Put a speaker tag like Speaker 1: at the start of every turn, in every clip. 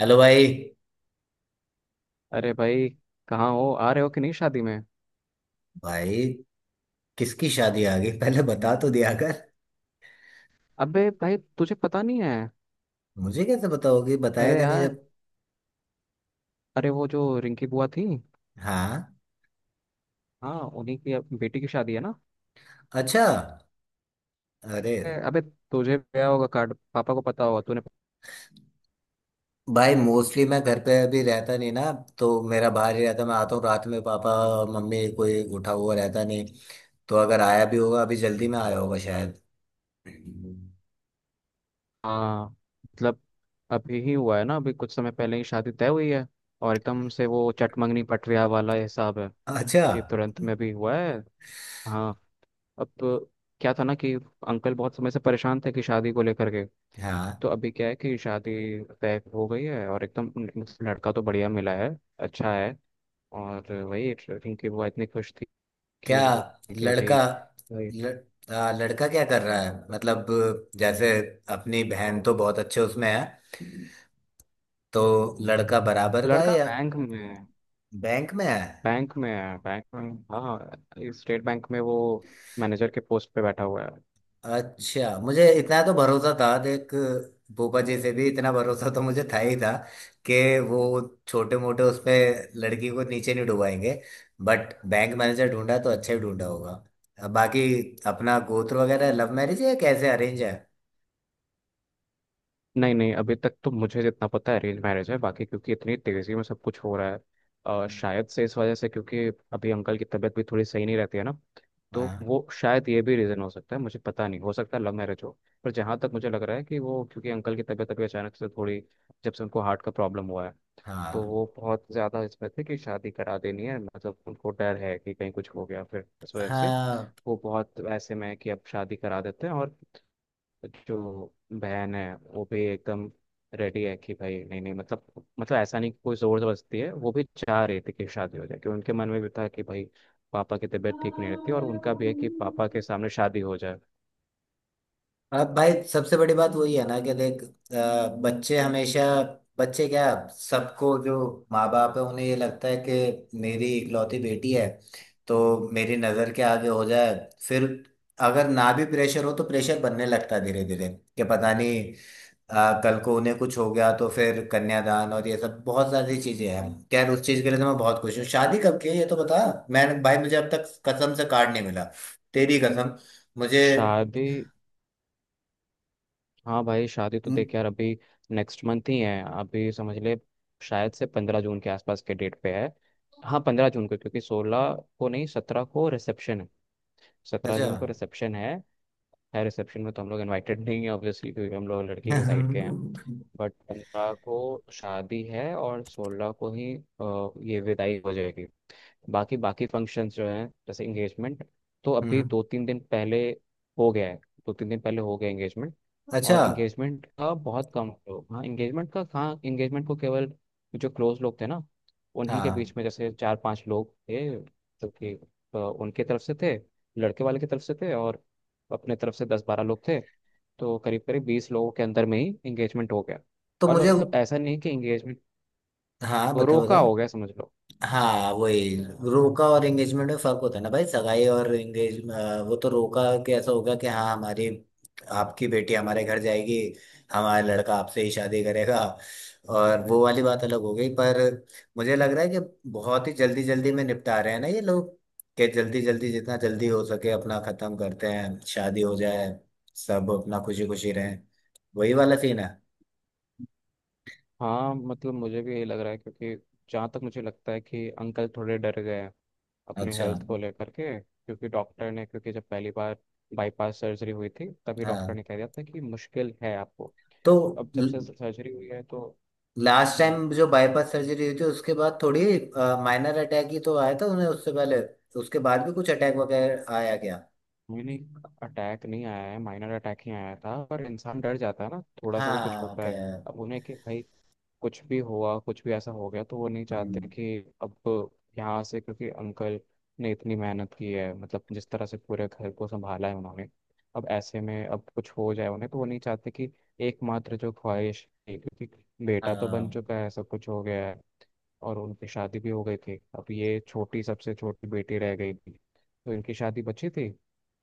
Speaker 1: Hello भाई।
Speaker 2: अरे भाई, कहाँ हो? आ रहे हो कि नहीं शादी में?
Speaker 1: भाई किसकी शादी आ गई पहले बता तो दिया कर।
Speaker 2: अबे भाई, तुझे पता नहीं है।
Speaker 1: मुझे कैसे बताओगे
Speaker 2: अरे
Speaker 1: बताएगा नहीं
Speaker 2: यार,
Speaker 1: जब।
Speaker 2: अरे वो जो रिंकी बुआ थी,
Speaker 1: हाँ।
Speaker 2: हाँ उन्हीं की अब बेटी की शादी है ना।
Speaker 1: अच्छा। अरे
Speaker 2: अबे तुझे गया होगा कार्ड, पापा को पता होगा, तूने?
Speaker 1: भाई मोस्टली मैं घर पे अभी रहता नहीं ना, तो मेरा बाहर ही रहता। मैं आता हूँ रात में, पापा मम्मी कोई उठा हुआ रहता नहीं। तो अगर आया भी होगा अभी जल्दी में आया होगा शायद।
Speaker 2: हाँ, मतलब अभी ही हुआ है ना, अभी कुछ समय पहले ही शादी तय हुई है। और एकदम से वो चटमंगनी पटरिया वाला हिसाब है
Speaker 1: अच्छा।
Speaker 2: कि तुरंत में भी हुआ है। हाँ, अब तो क्या था ना कि अंकल बहुत समय से परेशान थे कि शादी को लेकर के।
Speaker 1: हाँ।
Speaker 2: तो अभी क्या है कि शादी तय हो गई है और एकदम लड़का तो बढ़िया मिला है। अच्छा है। और वही रिंकी बुआ इतनी खुश थी
Speaker 1: क्या?
Speaker 2: कि वो, कि अभी
Speaker 1: लड़का?
Speaker 2: वही
Speaker 1: लड़का क्या कर रहा है मतलब? जैसे अपनी बहन तो बहुत अच्छे उसमें है, तो लड़का बराबर का है
Speaker 2: लड़का
Speaker 1: या?
Speaker 2: बैंक में है।
Speaker 1: बैंक में है?
Speaker 2: बैंक में है बैंक में। हाँ स्टेट बैंक में वो मैनेजर के पोस्ट पे बैठा हुआ है।
Speaker 1: अच्छा, मुझे इतना तो भरोसा था देख। भूपा जी से भी इतना भरोसा तो मुझे था ही था कि वो छोटे मोटे उस पे लड़की को नीचे नहीं डुबाएंगे। बट बैंक मैनेजर ढूंढा तो अच्छा ही ढूंढा होगा। अब बाकी अपना गोत्र वगैरह, लव मैरिज है या कैसे अरेंज है?
Speaker 2: नहीं नहीं, अभी तक तो मुझे जितना पता है अरेंज मैरिज है, बाकी क्योंकि इतनी तेजी में सब कुछ हो रहा है, शायद से इस वजह से, क्योंकि अभी अंकल की तबीयत भी थोड़ी सही नहीं रहती है ना। तो
Speaker 1: हाँ।
Speaker 2: वो शायद ये भी रीज़न हो सकता है, मुझे पता नहीं, हो सकता है लव मैरिज हो। पर जहाँ तक मुझे लग रहा है कि वो, क्योंकि अंकल की तबीयत अभी अचानक से थोड़ी, जब से उनको हार्ट का प्रॉब्लम हुआ है
Speaker 1: हाँ।
Speaker 2: तो वो बहुत ज़्यादा इसमें थे कि शादी करा देनी है। मतलब उनको डर है कि कहीं कुछ हो गया, फिर इस वजह से
Speaker 1: हाँ।
Speaker 2: वो बहुत ऐसे में है कि अब शादी करा देते हैं। और जो बहन है वो भी एकदम रेडी है कि भाई नहीं नहीं, मतलब ऐसा नहीं कि कोई जोर जबरदस्ती है, वो भी चाह रही थी कि शादी हो जाए, क्योंकि उनके मन में भी था कि भाई पापा की तबीयत ठीक नहीं रहती, और उनका भी है कि पापा के सामने शादी हो जाए।
Speaker 1: अब भाई सबसे बड़ी बात वही है ना कि देख बच्चे हमेशा, बच्चे क्या, सबको जो माँ बाप है उन्हें ये लगता है कि मेरी इकलौती बेटी है, तो मेरी नज़र के आगे हो जाए। फिर अगर ना भी प्रेशर हो तो प्रेशर बनने लगता है धीरे धीरे कि पता नहीं कल को उन्हें कुछ हो गया तो फिर कन्यादान और ये सब बहुत सारी चीज़ें हैं। खैर, उस चीज़ के लिए तो मैं बहुत खुश हूँ। शादी कब की है ये तो बता। मैंने, भाई मुझे अब तक कसम से कार्ड नहीं मिला। तेरी कसम मुझे।
Speaker 2: शादी, हाँ भाई शादी तो देख यार, अभी नेक्स्ट मंथ ही है, अभी समझ ले। शायद से 15 जून के आसपास के डेट पे है। हाँ 15 जून को, क्योंकि सोलह को नहीं 17 को रिसेप्शन है, सत्रह
Speaker 1: अच्छा।
Speaker 2: जून को रिसेप्शन है। है, रिसेप्शन में तो हम लोग इनवाइटेड नहीं है ऑब्वियसली, क्योंकि हम लोग लड़की के साइड के हैं।
Speaker 1: हम्म।
Speaker 2: बट 15 को शादी है और 16 को ही ये विदाई हो जाएगी। बाकी बाकी फंक्शंस जो हैं, जैसे इंगेजमेंट, तो अभी
Speaker 1: हम्म।
Speaker 2: 2-3 दिन पहले हो गया है। 2-3 दिन पहले हो गया इंगेजमेंट।
Speaker 1: अच्छा।
Speaker 2: और इंगेजमेंट का बहुत कम लोग, हाँ इंगेजमेंट का, हाँ इंगेजमेंट को केवल जो क्लोज लोग थे ना उन्हीं के
Speaker 1: हाँ।
Speaker 2: बीच में, जैसे 4-5 लोग थे जो कि उनके तरफ से थे, लड़के वाले की तरफ से थे, और अपने तरफ से 10-12 लोग थे। तो करीब करीब 20 लोगों के अंदर में ही इंगेजमेंट हो गया।
Speaker 1: तो
Speaker 2: और
Speaker 1: मुझे।
Speaker 2: मतलब ऐसा नहीं कि इंगेजमेंट,
Speaker 1: हाँ बता
Speaker 2: रोका हो गया
Speaker 1: बता।
Speaker 2: समझ लो।
Speaker 1: हाँ वही, रोका और एंगेजमेंट में फर्क होता है ना भाई, सगाई और एंगेज, वो तो रोका के ऐसा होगा कि हाँ हमारी आपकी बेटी हमारे घर जाएगी, हमारा लड़का आपसे ही शादी करेगा। और वो वाली बात अलग हो गई, पर मुझे लग रहा है कि बहुत ही जल्दी जल्दी में निपटा रहे हैं ना ये लोग कि जल्दी जल्दी जितना जल्दी हो सके अपना खत्म करते हैं शादी हो जाए, सब अपना खुशी खुशी रहें। वही वाला सीन है।
Speaker 2: हाँ मतलब मुझे भी यही लग रहा है, क्योंकि जहाँ तक मुझे लगता है कि अंकल थोड़े डर गए हैं अपने
Speaker 1: अच्छा।
Speaker 2: हेल्थ को लेकर के, क्योंकि डॉक्टर ने, क्योंकि जब पहली बार बाईपास सर्जरी हुई थी तभी डॉक्टर ने
Speaker 1: हाँ।
Speaker 2: कह दिया था कि मुश्किल है आपको।
Speaker 1: तो
Speaker 2: अब जब से सर्जरी हुई है तो,
Speaker 1: लास्ट
Speaker 2: हाँ,
Speaker 1: टाइम जो बाईपास सर्जरी हुई थी उसके बाद थोड़ी माइनर अटैक ही तो आया था उन्हें, उससे पहले तो। उसके बाद भी कुछ अटैक वगैरह आया क्या?
Speaker 2: मैंने, अटैक नहीं आया है, माइनर अटैक ही आया था पर इंसान डर जाता है ना, थोड़ा सा भी कुछ
Speaker 1: हाँ।
Speaker 2: होता
Speaker 1: क्या?
Speaker 2: है। अब उन्हें कि भाई कुछ भी हुआ, कुछ भी ऐसा हो गया तो वो नहीं चाहते
Speaker 1: हम्म।
Speaker 2: कि अब यहाँ से, क्योंकि अंकल ने इतनी मेहनत की है, मतलब जिस तरह से पूरे घर को संभाला है उन्होंने, अब ऐसे में अब कुछ हो जाए उन्हें तो वो नहीं चाहते कि, एकमात्र जो ख्वाहिश थी, क्योंकि बेटा तो बन
Speaker 1: हाँ।
Speaker 2: चुका है, सब कुछ हो गया है और उनकी शादी भी हो गई थी, अब ये छोटी, सबसे छोटी बेटी रह गई थी, तो इनकी शादी बची थी।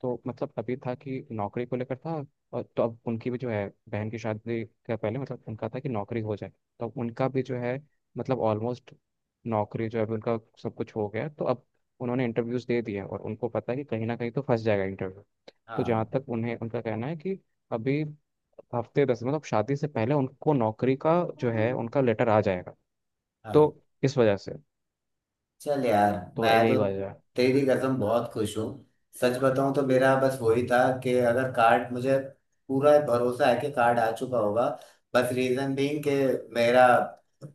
Speaker 2: तो मतलब अभी था कि नौकरी को लेकर था, और तो अब उनकी भी जो है बहन की शादी के पहले, मतलब उनका था कि नौकरी हो जाए। तो अब उनका भी जो है, मतलब ऑलमोस्ट नौकरी जो है अभी उनका सब कुछ हो गया, तो अब उन्होंने इंटरव्यूज दे दिए और उनको पता है कि कहीं ना कहीं तो फंस जाएगा इंटरव्यू। तो जहाँ
Speaker 1: हाँ।
Speaker 2: तक उन्हें उनका कहना है कि अभी हफ्ते दस, मतलब शादी से पहले उनको नौकरी का जो है उनका लेटर आ जाएगा। तो
Speaker 1: हाँ।
Speaker 2: इस वजह से,
Speaker 1: चल यार।
Speaker 2: तो
Speaker 1: मैं
Speaker 2: यही
Speaker 1: तो,
Speaker 2: वजह है
Speaker 1: तेरी कसम बहुत खुश हूँ। सच बताऊं तो मेरा बस वही था कि अगर कार्ड मुझे, पूरा भरोसा है कि कार्ड आ चुका होगा। बस रीजन बीइंग कि मेरा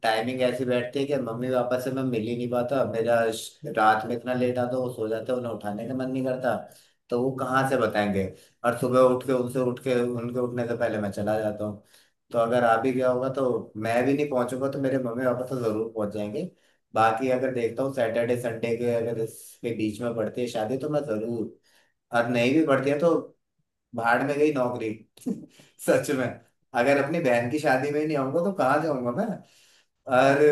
Speaker 1: टाइमिंग ऐसी बैठती है कि मम्मी पापा से मैं मिल ही नहीं पाता। मेरा रात में इतना लेट आता, वो सो जाते हैं, उन्हें उठाने का मन नहीं करता, तो वो कहाँ से बताएंगे। और सुबह उठ के उनसे, उठ के उनके उठने से पहले मैं चला जाता हूँ। तो अगर आ भी गया होगा तो मैं भी नहीं पहुंचूंगा, तो मेरे मम्मी पापा तो जरूर पहुंच जाएंगे। बाकी अगर देखता हूँ सैटरडे संडे के अगर इसके बीच में पड़ती है शादी तो मैं जरूर, और नहीं भी पड़ती है तो भाड़ में गई नौकरी। सच में, अगर अपनी बहन की शादी में ही नहीं आऊंगा तो कहाँ जाऊंगा मैं? और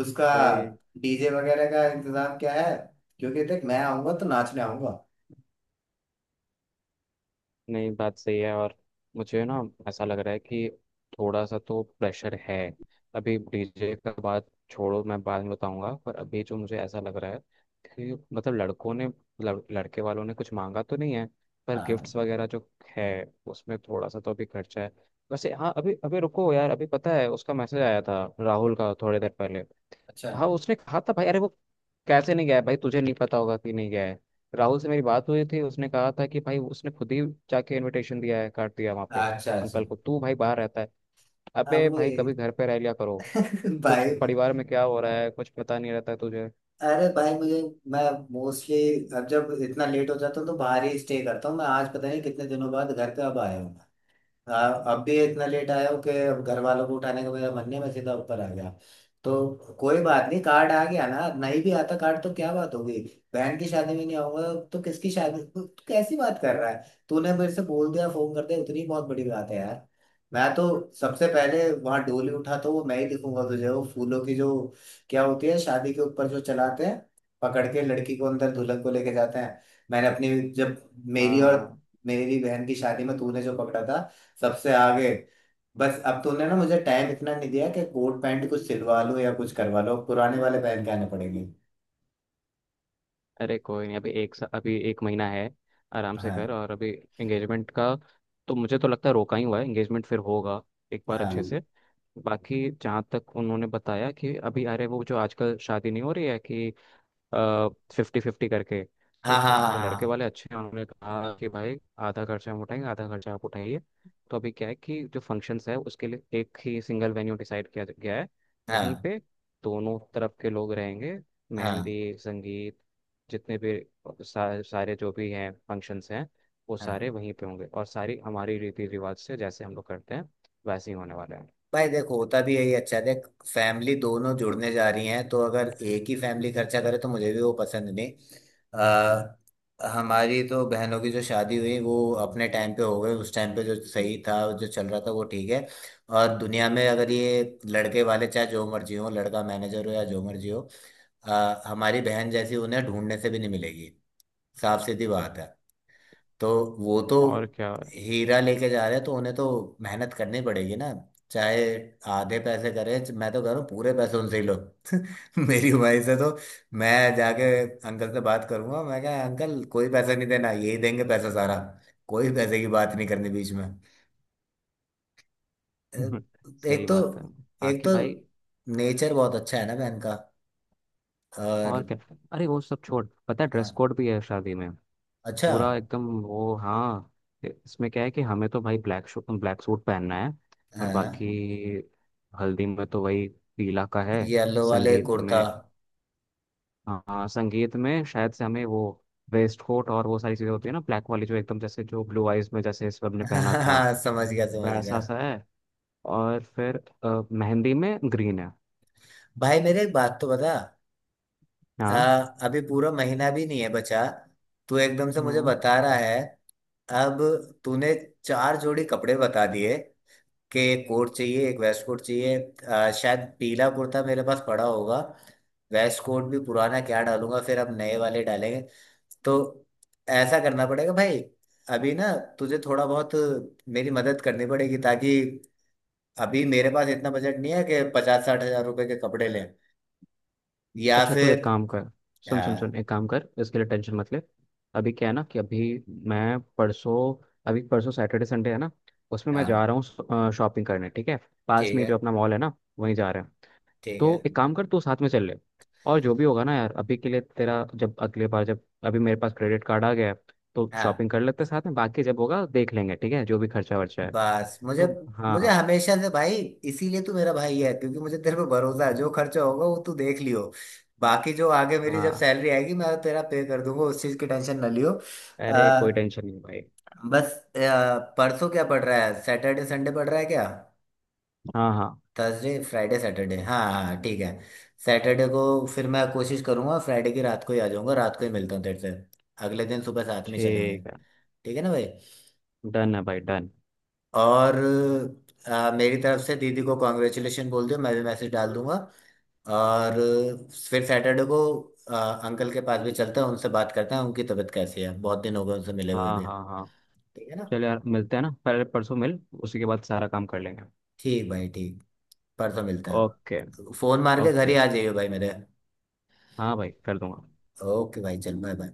Speaker 1: उसका
Speaker 2: भाई।
Speaker 1: डीजे वगैरह का इंतजाम क्या है? क्योंकि देख मैं आऊंगा तो नाचने आऊंगा।
Speaker 2: नहीं, बात सही है, और मुझे ना ऐसा लग रहा है कि थोड़ा सा तो प्रेशर है। अभी डीजे का बात छोड़ो, मैं बाद में बताऊंगा, पर अभी जो मुझे ऐसा लग रहा है कि मतलब लड़कों ने, लड़के वालों ने कुछ मांगा तो नहीं है, पर
Speaker 1: हाँ।
Speaker 2: गिफ्ट्स वगैरह जो है, उसमें थोड़ा सा तो अभी खर्चा है। वैसे हाँ, अभी अभी रुको यार, अभी पता है, उसका मैसेज आया था राहुल का थोड़ी देर पहले।
Speaker 1: अच्छा
Speaker 2: तो हाँ उसने कहा था भाई, अरे वो कैसे नहीं गया है भाई? तुझे नहीं पता होगा कि नहीं गया है। राहुल से मेरी बात हुई थी, उसने कहा था कि भाई उसने खुद ही जाके इनविटेशन दिया है, काट दिया वहाँ पे
Speaker 1: अच्छा। अच्छा।
Speaker 2: अंकल को। तू भाई बाहर रहता है, अबे
Speaker 1: अब
Speaker 2: भाई
Speaker 1: वही।
Speaker 2: कभी घर पे रह लिया करो, कुछ
Speaker 1: भाई,
Speaker 2: परिवार में क्या हो रहा है कुछ पता नहीं रहता है तुझे।
Speaker 1: अरे भाई मुझे, मैं मोस्टली, अब जब इतना लेट हो जाता हूँ तो बाहर ही स्टे करता हूँ। मैं आज पता नहीं कितने दिनों बाद घर पे अब आया हूँ। हाँ, अब भी इतना लेट आया हूँ कि अब घर वालों को उठाने का मेरा मन नहीं, मैं सीधा ऊपर आ गया। तो कोई बात नहीं, कार्ड आ गया ना, नहीं भी आता कार्ड तो क्या बात होगी, बहन की शादी में नहीं आऊंगा तो किसकी शादी? तू तू कैसी बात कर रहा है, तूने मेरे से बोल दिया, फोन कर दिया, उतनी बहुत बड़ी बात है यार। मैं तो सबसे पहले वहां डोली उठा तो वो मैं ही दिखूंगा तुझे, वो फूलों की जो क्या होती है शादी के ऊपर जो चलाते हैं, पकड़ के लड़की को अंदर दुल्हन को लेके जाते हैं। मैंने अपनी, जब
Speaker 2: हाँ
Speaker 1: मेरी और
Speaker 2: हाँ,
Speaker 1: मेरी बहन की शादी में तूने जो पकड़ा था सबसे आगे। बस अब तूने ना मुझे टाइम इतना नहीं दिया कि कोट पैंट कुछ सिलवा लो या कुछ करवा लो, पुराने वाले पहन के आने पड़ेंगे।
Speaker 2: अरे कोई नहीं, अभी अभी एक महीना है, आराम से
Speaker 1: हाँ।
Speaker 2: कर। और अभी एंगेजमेंट का तो मुझे तो लगता है रोका ही हुआ है, एंगेजमेंट फिर होगा एक बार अच्छे
Speaker 1: हाँ।
Speaker 2: से। बाकी जहाँ तक उन्होंने बताया कि अभी, अरे वो जो आजकल शादी नहीं हो रही है कि फिफ्टी फिफ्टी करके,
Speaker 1: हाँ।
Speaker 2: तो
Speaker 1: हाँ।
Speaker 2: लड़के
Speaker 1: हाँ।
Speaker 2: वाले अच्छे हैं, उन्होंने कहा कि भाई आधा खर्चा हम उठाएंगे आधा खर्चा आप उठाइए। तो अभी क्या है कि जो फंक्शंस है उसके लिए एक ही सिंगल वेन्यू डिसाइड किया गया है,
Speaker 1: हाँ।
Speaker 2: वहीं
Speaker 1: हाँ।
Speaker 2: पे दोनों तरफ के लोग रहेंगे।
Speaker 1: हाँ।
Speaker 2: मेहंदी, संगीत, जितने भी सारे जो भी हैं फंक्शंस हैं, वो
Speaker 1: हाँ।
Speaker 2: सारे
Speaker 1: हाँ।
Speaker 2: वहीं पे होंगे और सारी हमारी रीति रिवाज से जैसे हम लोग करते हैं वैसे ही होने वाले हैं।
Speaker 1: भाई देखो होता भी यही अच्छा है, देख फैमिली दोनों जुड़ने जा रही हैं तो अगर एक ही फैमिली खर्चा करे तो मुझे भी वो पसंद नहीं। अ, हमारी तो बहनों की जो शादी हुई वो अपने टाइम पे हो गई, उस टाइम पे जो सही था जो चल रहा था वो ठीक है। और दुनिया में अगर ये लड़के वाले चाहे जो मर्जी हो, लड़का मैनेजर हो या जो मर्जी हो, हमारी बहन जैसी उन्हें ढूंढने से भी नहीं मिलेगी। साफ सीधी बात है। तो वो तो
Speaker 2: और क्या।
Speaker 1: हीरा लेके जा रहे हैं तो उन्हें तो मेहनत करनी पड़ेगी ना। चाहे आधे पैसे करे, मैं तो कह रहा हूँ पूरे पैसे उनसे ही लो। मेरी उम्र से तो, मैं जाके अंकल से बात करूंगा, मैं क्या अंकल कोई पैसा नहीं देना, यही देंगे पैसा सारा। कोई पैसे की बात नहीं करनी बीच में।
Speaker 2: सही
Speaker 1: एक तो,
Speaker 2: बात है।
Speaker 1: एक
Speaker 2: बाकी
Speaker 1: तो
Speaker 2: भाई,
Speaker 1: नेचर बहुत अच्छा है ना बहन का।
Speaker 2: और
Speaker 1: और
Speaker 2: क्या, अरे वो सब छोड़, पता है
Speaker 1: हाँ।
Speaker 2: ड्रेस कोड भी है शादी में?
Speaker 1: अच्छा।
Speaker 2: पूरा एकदम वो, हाँ। इसमें क्या है कि हमें तो भाई ब्लैक शू ब्लैक सूट पहनना है और
Speaker 1: हाँ।
Speaker 2: बाकी हल्दी में तो वही पीला का है।
Speaker 1: येलो वाले
Speaker 2: संगीत
Speaker 1: कुर्ता।
Speaker 2: में, हाँ संगीत में शायद से हमें वो वेस्ट कोट और वो सारी चीज़ें होती है ना, ब्लैक वाली जो एकदम, जैसे जो ब्लू आइज में जैसे इस सब ने पहना था
Speaker 1: हाँ समझ गया समझ गया।
Speaker 2: वैसा सा है। और फिर मेहंदी में ग्रीन है।
Speaker 1: भाई मेरे एक बात तो बता। अ,
Speaker 2: हाँ,
Speaker 1: अभी पूरा महीना भी नहीं है बचा, तू एकदम से मुझे
Speaker 2: हम्म,
Speaker 1: बता रहा है। अब तूने चार जोड़ी कपड़े बता दिए कि एक कोट चाहिए, एक वेस्ट कोट चाहिए। शायद पीला कुर्ता मेरे पास पड़ा होगा, वेस्ट कोट भी पुराना क्या डालूंगा, फिर अब नए वाले डालेंगे। तो ऐसा करना पड़ेगा भाई, अभी ना तुझे थोड़ा बहुत मेरी मदद करनी पड़ेगी, ताकि अभी मेरे पास इतना बजट नहीं है कि 50-60 हज़ार रुपए के कपड़े लें या
Speaker 2: अच्छा। तो एक
Speaker 1: फिर।
Speaker 2: काम कर, सुन सुन सुन,
Speaker 1: हाँ।
Speaker 2: एक काम कर, इसके लिए टेंशन मत ले। अभी क्या है ना कि अभी, मैं परसों, अभी परसों सैटरडे संडे है ना, उसमें मैं जा
Speaker 1: हाँ।
Speaker 2: रहा हूँ शॉपिंग करने, ठीक है? पास
Speaker 1: ठीक
Speaker 2: में
Speaker 1: है।
Speaker 2: जो अपना मॉल है ना, वहीं जा रहे हैं।
Speaker 1: ठीक है।
Speaker 2: तो एक काम कर तू साथ में चल ले। और जो भी होगा ना यार, अभी के लिए तेरा, जब अगले बार, जब अभी मेरे पास क्रेडिट कार्ड आ गया है तो शॉपिंग
Speaker 1: हाँ।
Speaker 2: कर लेते हैं साथ में, बाकी जब होगा देख लेंगे, ठीक है? जो भी खर्चा वर्चा है।
Speaker 1: बस मुझे,
Speaker 2: तो
Speaker 1: मुझे
Speaker 2: हाँ
Speaker 1: हमेशा से भाई, इसीलिए तू मेरा भाई है क्योंकि मुझे तेरे पे भरोसा है, जो खर्चा होगा वो तू देख लियो। बाकी जो आगे मेरी जब
Speaker 2: हाँ,
Speaker 1: सैलरी आएगी मैं तेरा पे कर दूंगा, उस चीज की टेंशन ना लियो। अ,
Speaker 2: अरे कोई टेंशन नहीं भाई।
Speaker 1: बस परसों क्या पड़ रहा है, सैटरडे संडे पड़ रहा है क्या?
Speaker 2: हाँ हाँ,
Speaker 1: थर्सडे फ्राइडे सैटरडे, हाँ हाँ ठीक है। सैटरडे को फिर मैं कोशिश करूंगा फ्राइडे की रात को ही आ जाऊंगा, रात को ही मिलता हूँ तेरे से, अगले दिन सुबह साथ में चलेंगे।
Speaker 2: ठीक है।
Speaker 1: ठीक है ना भाई?
Speaker 2: डन है भाई डन।
Speaker 1: और मेरी तरफ से दीदी को कॉन्ग्रेचुलेशन बोल दियो, मैं भी मैसेज डाल दूंगा। और फिर सैटरडे को अंकल के पास भी चलते हैं, उनसे बात करते हैं, उनकी तबीयत कैसी है, बहुत दिन हो गए उनसे मिले हुए
Speaker 2: हाँ
Speaker 1: भी।
Speaker 2: हाँ हाँ,
Speaker 1: ठीक है ना?
Speaker 2: चल यार मिलते हैं ना, पहले परसों मिल, उसी के बाद सारा काम कर लेंगे।
Speaker 1: ठीक भाई ठीक। परसों मिलते
Speaker 2: ओके,
Speaker 1: हैं, फोन मार के घर ही
Speaker 2: ओके,
Speaker 1: आ जाइए भाई मेरे।
Speaker 2: हाँ भाई कर दूंगा।
Speaker 1: ओके भाई चल बाय बाय।